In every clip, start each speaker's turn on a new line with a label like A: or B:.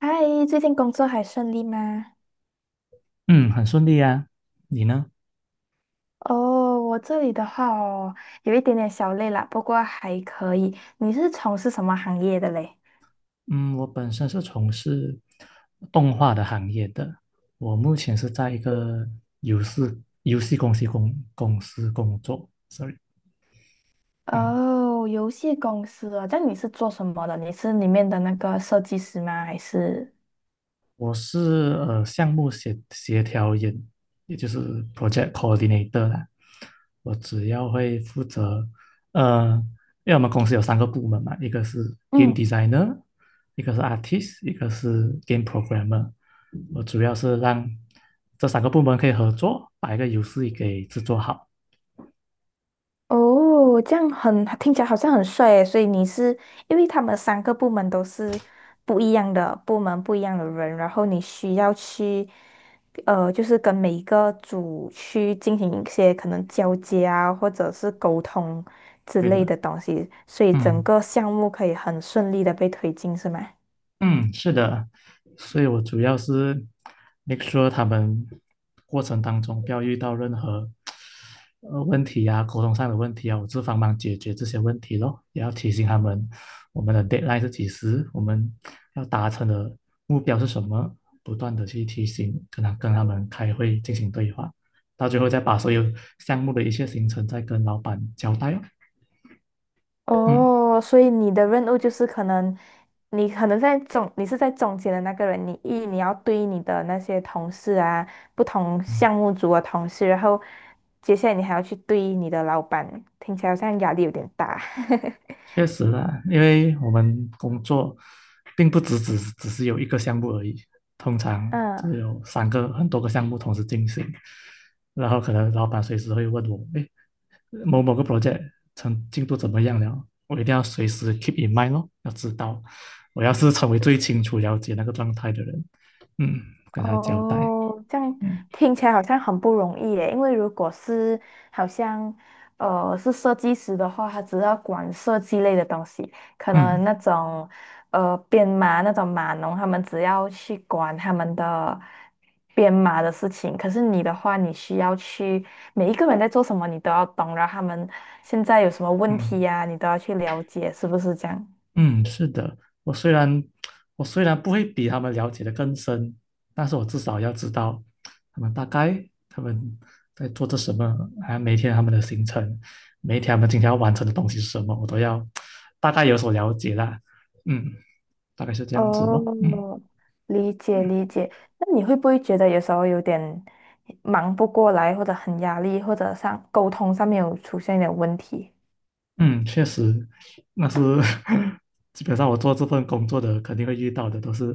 A: 嗨，最近工作还顺利吗？
B: 嗯，很顺利啊。你呢？
A: 哦，我这里的话哦，有一点点小累啦，不过还可以。你是从事什么行业的嘞？
B: 嗯，我本身是从事动画的行业的，我目前是在一个游戏游戏公司公公司工作。Sorry。嗯，
A: 哦，游戏公司哦，这样你是做什么的？你是里面的那个设计师吗？还是？
B: 我是项目协调人，也就是 project coordinator 啦。我主要会负责，呃，因为我们公司有三个部门嘛，一个是 game
A: 嗯。
B: designer,一个是 artist,一个是 game programmer。我主要是让这三个部门可以合作，把一个游戏给制作好。
A: 哦，这样很，听起来好像很帅诶，所以你是，因为他们3个部门都是不一样的部门，不一样的人，然后你需要去，就是跟每一个组去进行一些可能交接啊，或者是沟通之
B: 对
A: 类
B: 的，
A: 的东西，所以整
B: 嗯。
A: 个项目可以很顺利的被推进，是吗？
B: 嗯，是的，所以我主要是 make sure 他们过程当中不要遇到任何问题啊，沟通上的问题啊，我就帮忙解决这些问题咯，也要提醒他们我们的 deadline 是几时，我们要达成的目标是什么，不断的去提醒，跟他们开会进行对话，到最后再把所有项目的一切行程再跟老板交代哦。嗯
A: 哦，所以你的任务就是可能，你可能在中，你是在中间的那个人，你要对你的那些同事啊，不同
B: 嗯。
A: 项目组的同事，然后接下来你还要去对你的老板，听起来好像压力有点大。
B: 确实啦，因为我们工作并不只是有一个项目而已，通常
A: 嗯。
B: 就有很多个项目同时进行，然后可能老板随时会问我，哎，某某个 project 成进度怎么样了？我一定要随时 keep in mind 咯，要知道，我要是成为最清楚了解那个状态的人，嗯，跟他交代。
A: 哦，这样
B: 嗯
A: 听起来好像很不容易耶。因为如果是好像是设计师的话，他只要管设计类的东西，可能
B: 嗯
A: 那种编码那种码农，他们只要去管他们的编码的事情。可是你的话，你需要去每一个人在做什么，你都要懂，然后他们现在有什么问题
B: 嗯。
A: 呀、你都要去了解，是不是这样？
B: 嗯，是的，我虽然我虽然不会比他们了解的更深，但是我至少要知道他们在做着什么，还有每天他们的行程，每一天他们今天要完成的东西是什么，我都要大概有所了解啦。嗯，大概是这样子咯。嗯。
A: 哦，理解理解。那你会不会觉得有时候有点忙不过来，或者很压力，或者上沟通上面有出现一点问题？
B: 嗯，确实，那是 基本上我做这份工作的肯定会遇到的，都是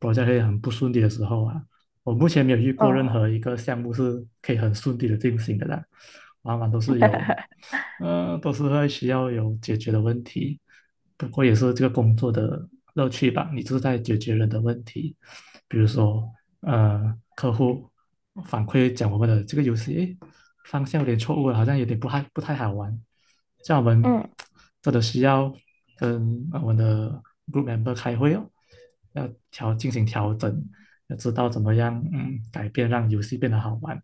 B: p r o j 会很不顺利的时候啊。我目前没有遇过任
A: 嗯
B: 何一个项目是可以很顺利的进行的啦，往往都是有，呃，都是会需要有解决的问题。不过也是这个工作的乐趣吧，你就是在解决人的问题。比如说，客户反馈讲我们的这个游戏，诶方向有点错误了，好像有点不太好玩。像我们
A: 嗯。
B: 真的需要跟我们的 group member 开会哦，进行调整，要知道怎么样改变，让游戏变得好玩。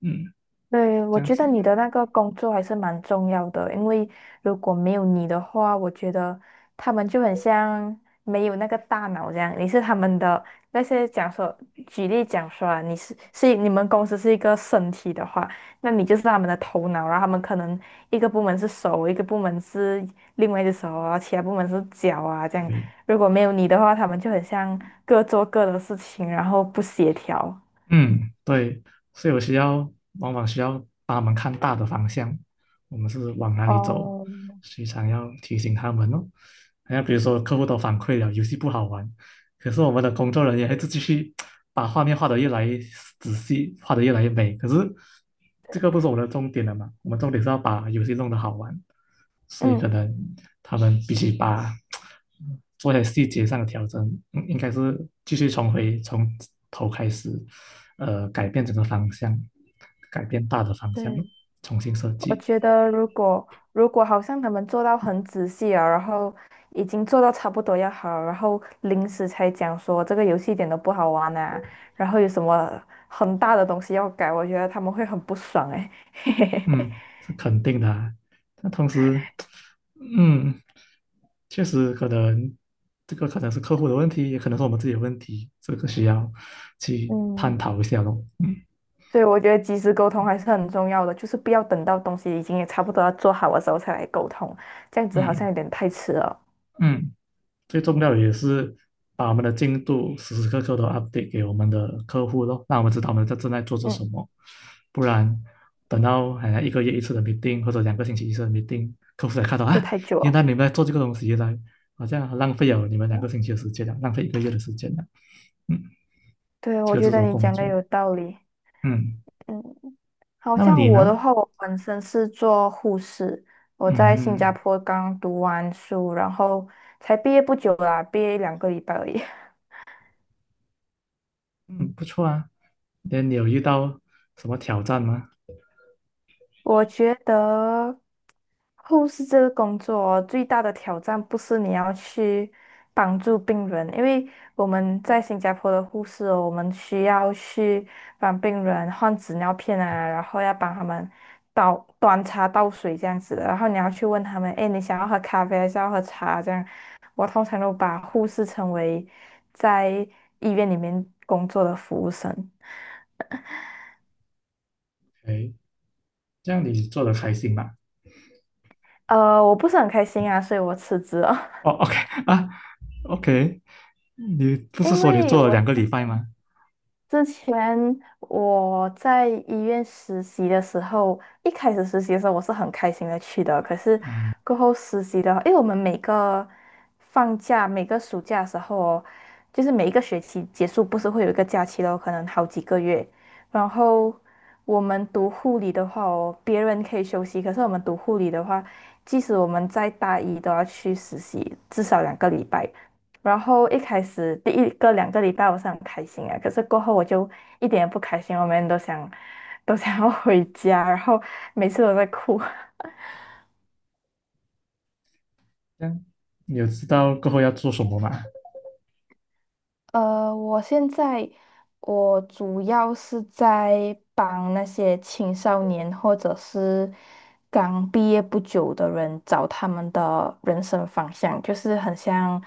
B: 嗯，
A: 对，
B: 这
A: 我
B: 样
A: 觉
B: 子。
A: 得你的那个工作还是蛮重要的，因为如果没有你的话，我觉得他们就很像没有那个大脑这样。你是他们的那些讲说，举例讲说啊，你是你们公司是一个身体的话，那你就是他们的头脑，然后他们可能一个部门是手，一个部门是另外一只手啊，然后其他部门是脚啊这样。
B: 对，
A: 如果没有你的话，他们就很像各做各的事情，然后不协调。
B: 嗯，对，所以我需要需要帮他们看大的方向，我们是往哪里走，
A: 哦，
B: 时常要提醒他们哦。还有比如说，客户都反馈了游戏不好玩，可是我们的工作人员还是继续把画面画的越来越仔细，画的越来越美。可是这个不是我们的重点了嘛？我们重点是要把游戏弄得好玩。所以可
A: 嗯。
B: 能他们必须做些细节上的调整，应该是继续重回从头开始，改变整个方向，改变大的方向，
A: 对，
B: 重新设
A: 我
B: 计。
A: 觉得如果好像他们做到很仔细啊，然后已经做到差不多要好，然后临时才讲说这个游戏一点都不好玩啊，然后有什么很大的东西要改，我觉得他们会很不爽哎、
B: 嗯，是肯定的啊。但同时，嗯，确实可能这个可能是客户的问题，也可能是我们自己的问题，这个需要去探
A: 嗯，
B: 讨一下咯。
A: 所以我觉得及时沟通还是很重要的，就是不要等到东西已经也差不多要做好的时候才来沟通，这样子好像
B: 嗯
A: 有点太迟了，
B: 嗯。最重要的也是把我们的进度时时刻刻都 update 给我们的客户咯，让我们知道我们在正在做着什
A: 嗯，
B: 么。不然等到好像一个月一次的 meeting 或者两个星期一次的 meeting,客户才看到
A: 就
B: 啊，
A: 太久
B: 原
A: 了。
B: 来你们在做这个东西，原来好像很浪费了你们两个
A: 嗯。
B: 星期的时间了，浪费一个月的时间了。嗯，
A: 对，
B: 这
A: 我
B: 个
A: 觉
B: 就是
A: 得
B: 我
A: 你
B: 工
A: 讲的
B: 作。
A: 有道理。
B: 嗯，
A: 嗯。好
B: 那么
A: 像
B: 你
A: 我的
B: 呢？
A: 话，我本身是做护士，我在新
B: 嗯
A: 加坡刚读完书，然后才毕业不久啦，毕业两个礼拜而已。
B: 嗯，不错啊。那你有遇到什么挑战吗？
A: 我觉得护士这个工作哦最大的挑战不是你要去帮助病人，因为我们在新加坡的护士哦，我们需要去帮病人换纸尿片啊，然后要帮他们倒端茶倒水这样子的，然后你要去问他们，哎，你想要喝咖啡还是要喝茶这样。我通常都把护士称为在医院里面工作的服务生。
B: 哎，这样你做的开心吗？
A: 呃，我不是很开心啊，所以我辞职了。
B: 哦，OK 啊，OK,你不是
A: 因
B: 说你
A: 为
B: 做了
A: 我
B: 两
A: 之
B: 个礼拜吗？
A: 之前我在医院实习的时候，一开始实习的时候我是很开心的去的，可是过后实习的话，因为我们每个放假、每个暑假的时候哦，就是每一个学期结束不是会有一个假期咯，可能好几个月。然后我们读护理的话哦，别人可以休息，可是我们读护理的话，即使我们在大一都要去实习，至少两个礼拜。然后一开始第一个两个礼拜我是很开心啊，可是过后我就一点也不开心，我每天都想要回家，然后每次都在哭。
B: 这样你有知道过后要做什么吗？
A: 呃，我现在我主要是在帮那些青少年或者是刚毕业不久的人找他们的人生方向，就是很像，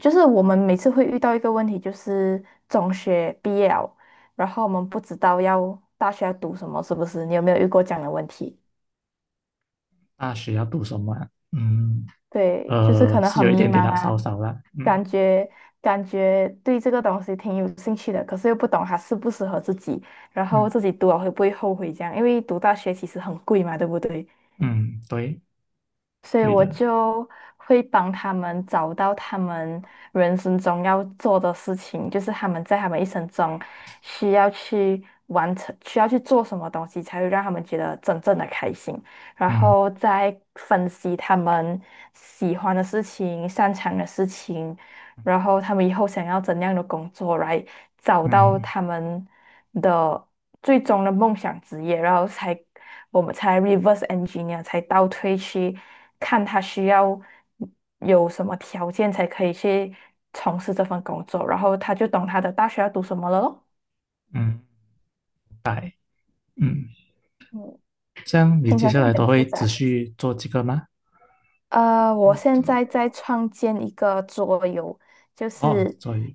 A: 就是我们每次会遇到一个问题，就是中学毕业了，然后我们不知道要大学要读什么，是不是？你有没有遇过这样的问题？
B: 大学要读什么啊？嗯，
A: 对，就是可能
B: 是
A: 很
B: 有一
A: 迷
B: 点
A: 茫
B: 点啦，
A: 啊，
B: 少少啦。嗯
A: 感觉感觉对这个东西挺有兴趣的，可是又不懂它适不适合自己，然后
B: 嗯
A: 自己读了会不会后悔这样？因为读大学其实很贵嘛，对不对？
B: 嗯，对
A: 所以
B: 对
A: 我
B: 的。
A: 就会帮他们找到他们人生中要做的事情，就是他们在他们一生中需要去完成、需要去做什么东西，才会让他们觉得真正的开心。然
B: 嗯
A: 后再分析他们喜欢的事情、擅长的事情，然后他们以后想要怎样的工作来找到
B: 嗯
A: 他们的最终的梦想职业，然后才我们才 reverse engineer 才倒推去看他需要有什么条件才可以去从事这份工作，然后他就懂他的大学要读什么了咯。
B: 嗯，白。嗯，
A: 嗯，
B: 这样你
A: 听起
B: 接
A: 来
B: 下
A: 是很
B: 来都
A: 复
B: 会
A: 杂，
B: 持
A: 是不是？
B: 续做这个吗？
A: 呃，我现在在创建一个桌游，就
B: 哦，
A: 是。
B: 桌游。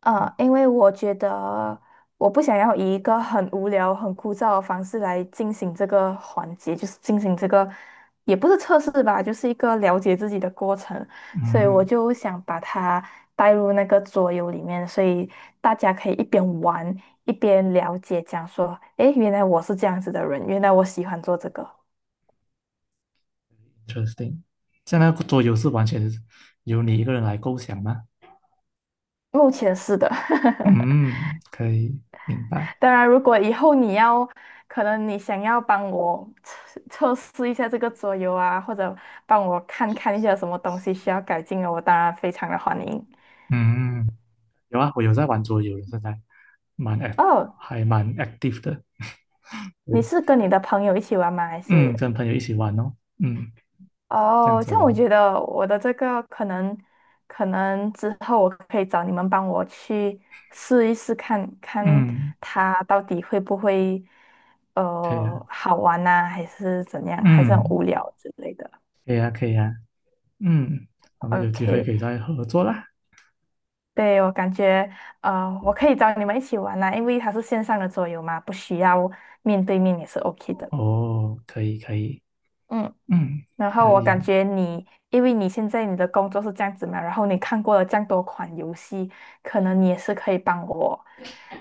A: 呃，因为我觉得我不想要以一个很无聊、很枯燥的方式来进行这个环节，就是进行这个也不是测试吧，就是一个了解自己的过程，所以我
B: 嗯
A: 就想把它带入那个桌游里面，所以大家可以一边玩一边了解，讲说，诶，原来我是这样子的人，原来我喜欢做这个。
B: ，interesting。这样那个桌游是完全由你一个人来构想吗？
A: 目前是的，
B: 嗯，可以明白。
A: 当然，如果以后你要，可能你想要帮我测试一下这个桌游啊，或者帮我看看一下有什么东西需要改进的，我当然非常的欢迎。
B: 嗯。有啊，我有在玩桌游的，现在蛮 act，
A: 哦，
B: 还蛮 active 的。对，
A: 你是跟你的朋友一起玩吗？还
B: 嗯，
A: 是？
B: 跟朋友一起玩哦，嗯，这样
A: 哦，
B: 子
A: 这样我
B: 咯，
A: 觉得我的这个可能，可能之后我可以找你们帮我去试一试看，看
B: 嗯，
A: 它到底会不会，
B: 可以啊，
A: 呃，好玩呐、还是怎样，还是很
B: 嗯，
A: 无聊之类的。
B: 可以啊，可以啊，嗯，我们有机会
A: OK。
B: 可以再合作啦。
A: 对，我感觉，呃，我可以找你们一起玩啦，因为它是线上的桌游嘛，不需要面对面也是 OK 的。
B: 哦，可以，可以，
A: 嗯，
B: 嗯，
A: 然后
B: 可
A: 我感
B: 以，
A: 觉你，因为你现在你的工作是这样子嘛，然后你看过了这样多款游戏，可能你也是可以帮我，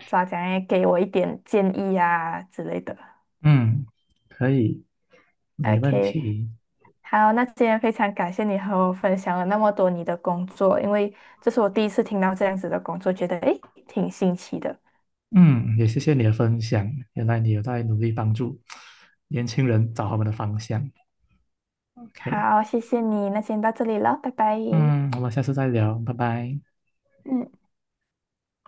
A: 咋讲诶，给我一点建议啊之类的。
B: 嗯，可以，没问
A: OK，
B: 题。
A: 好，那今天非常感谢你和我分享了那么多你的工作，因为这是我第一次听到这样子的工作，觉得诶挺新奇的。
B: 嗯，也谢谢你的分享，原来你有在努力帮助年轻人找他们的方向。OK,
A: 好，谢谢你，那先到这里了，拜拜。
B: 嗯，我们下次再聊，拜拜。
A: 嗯，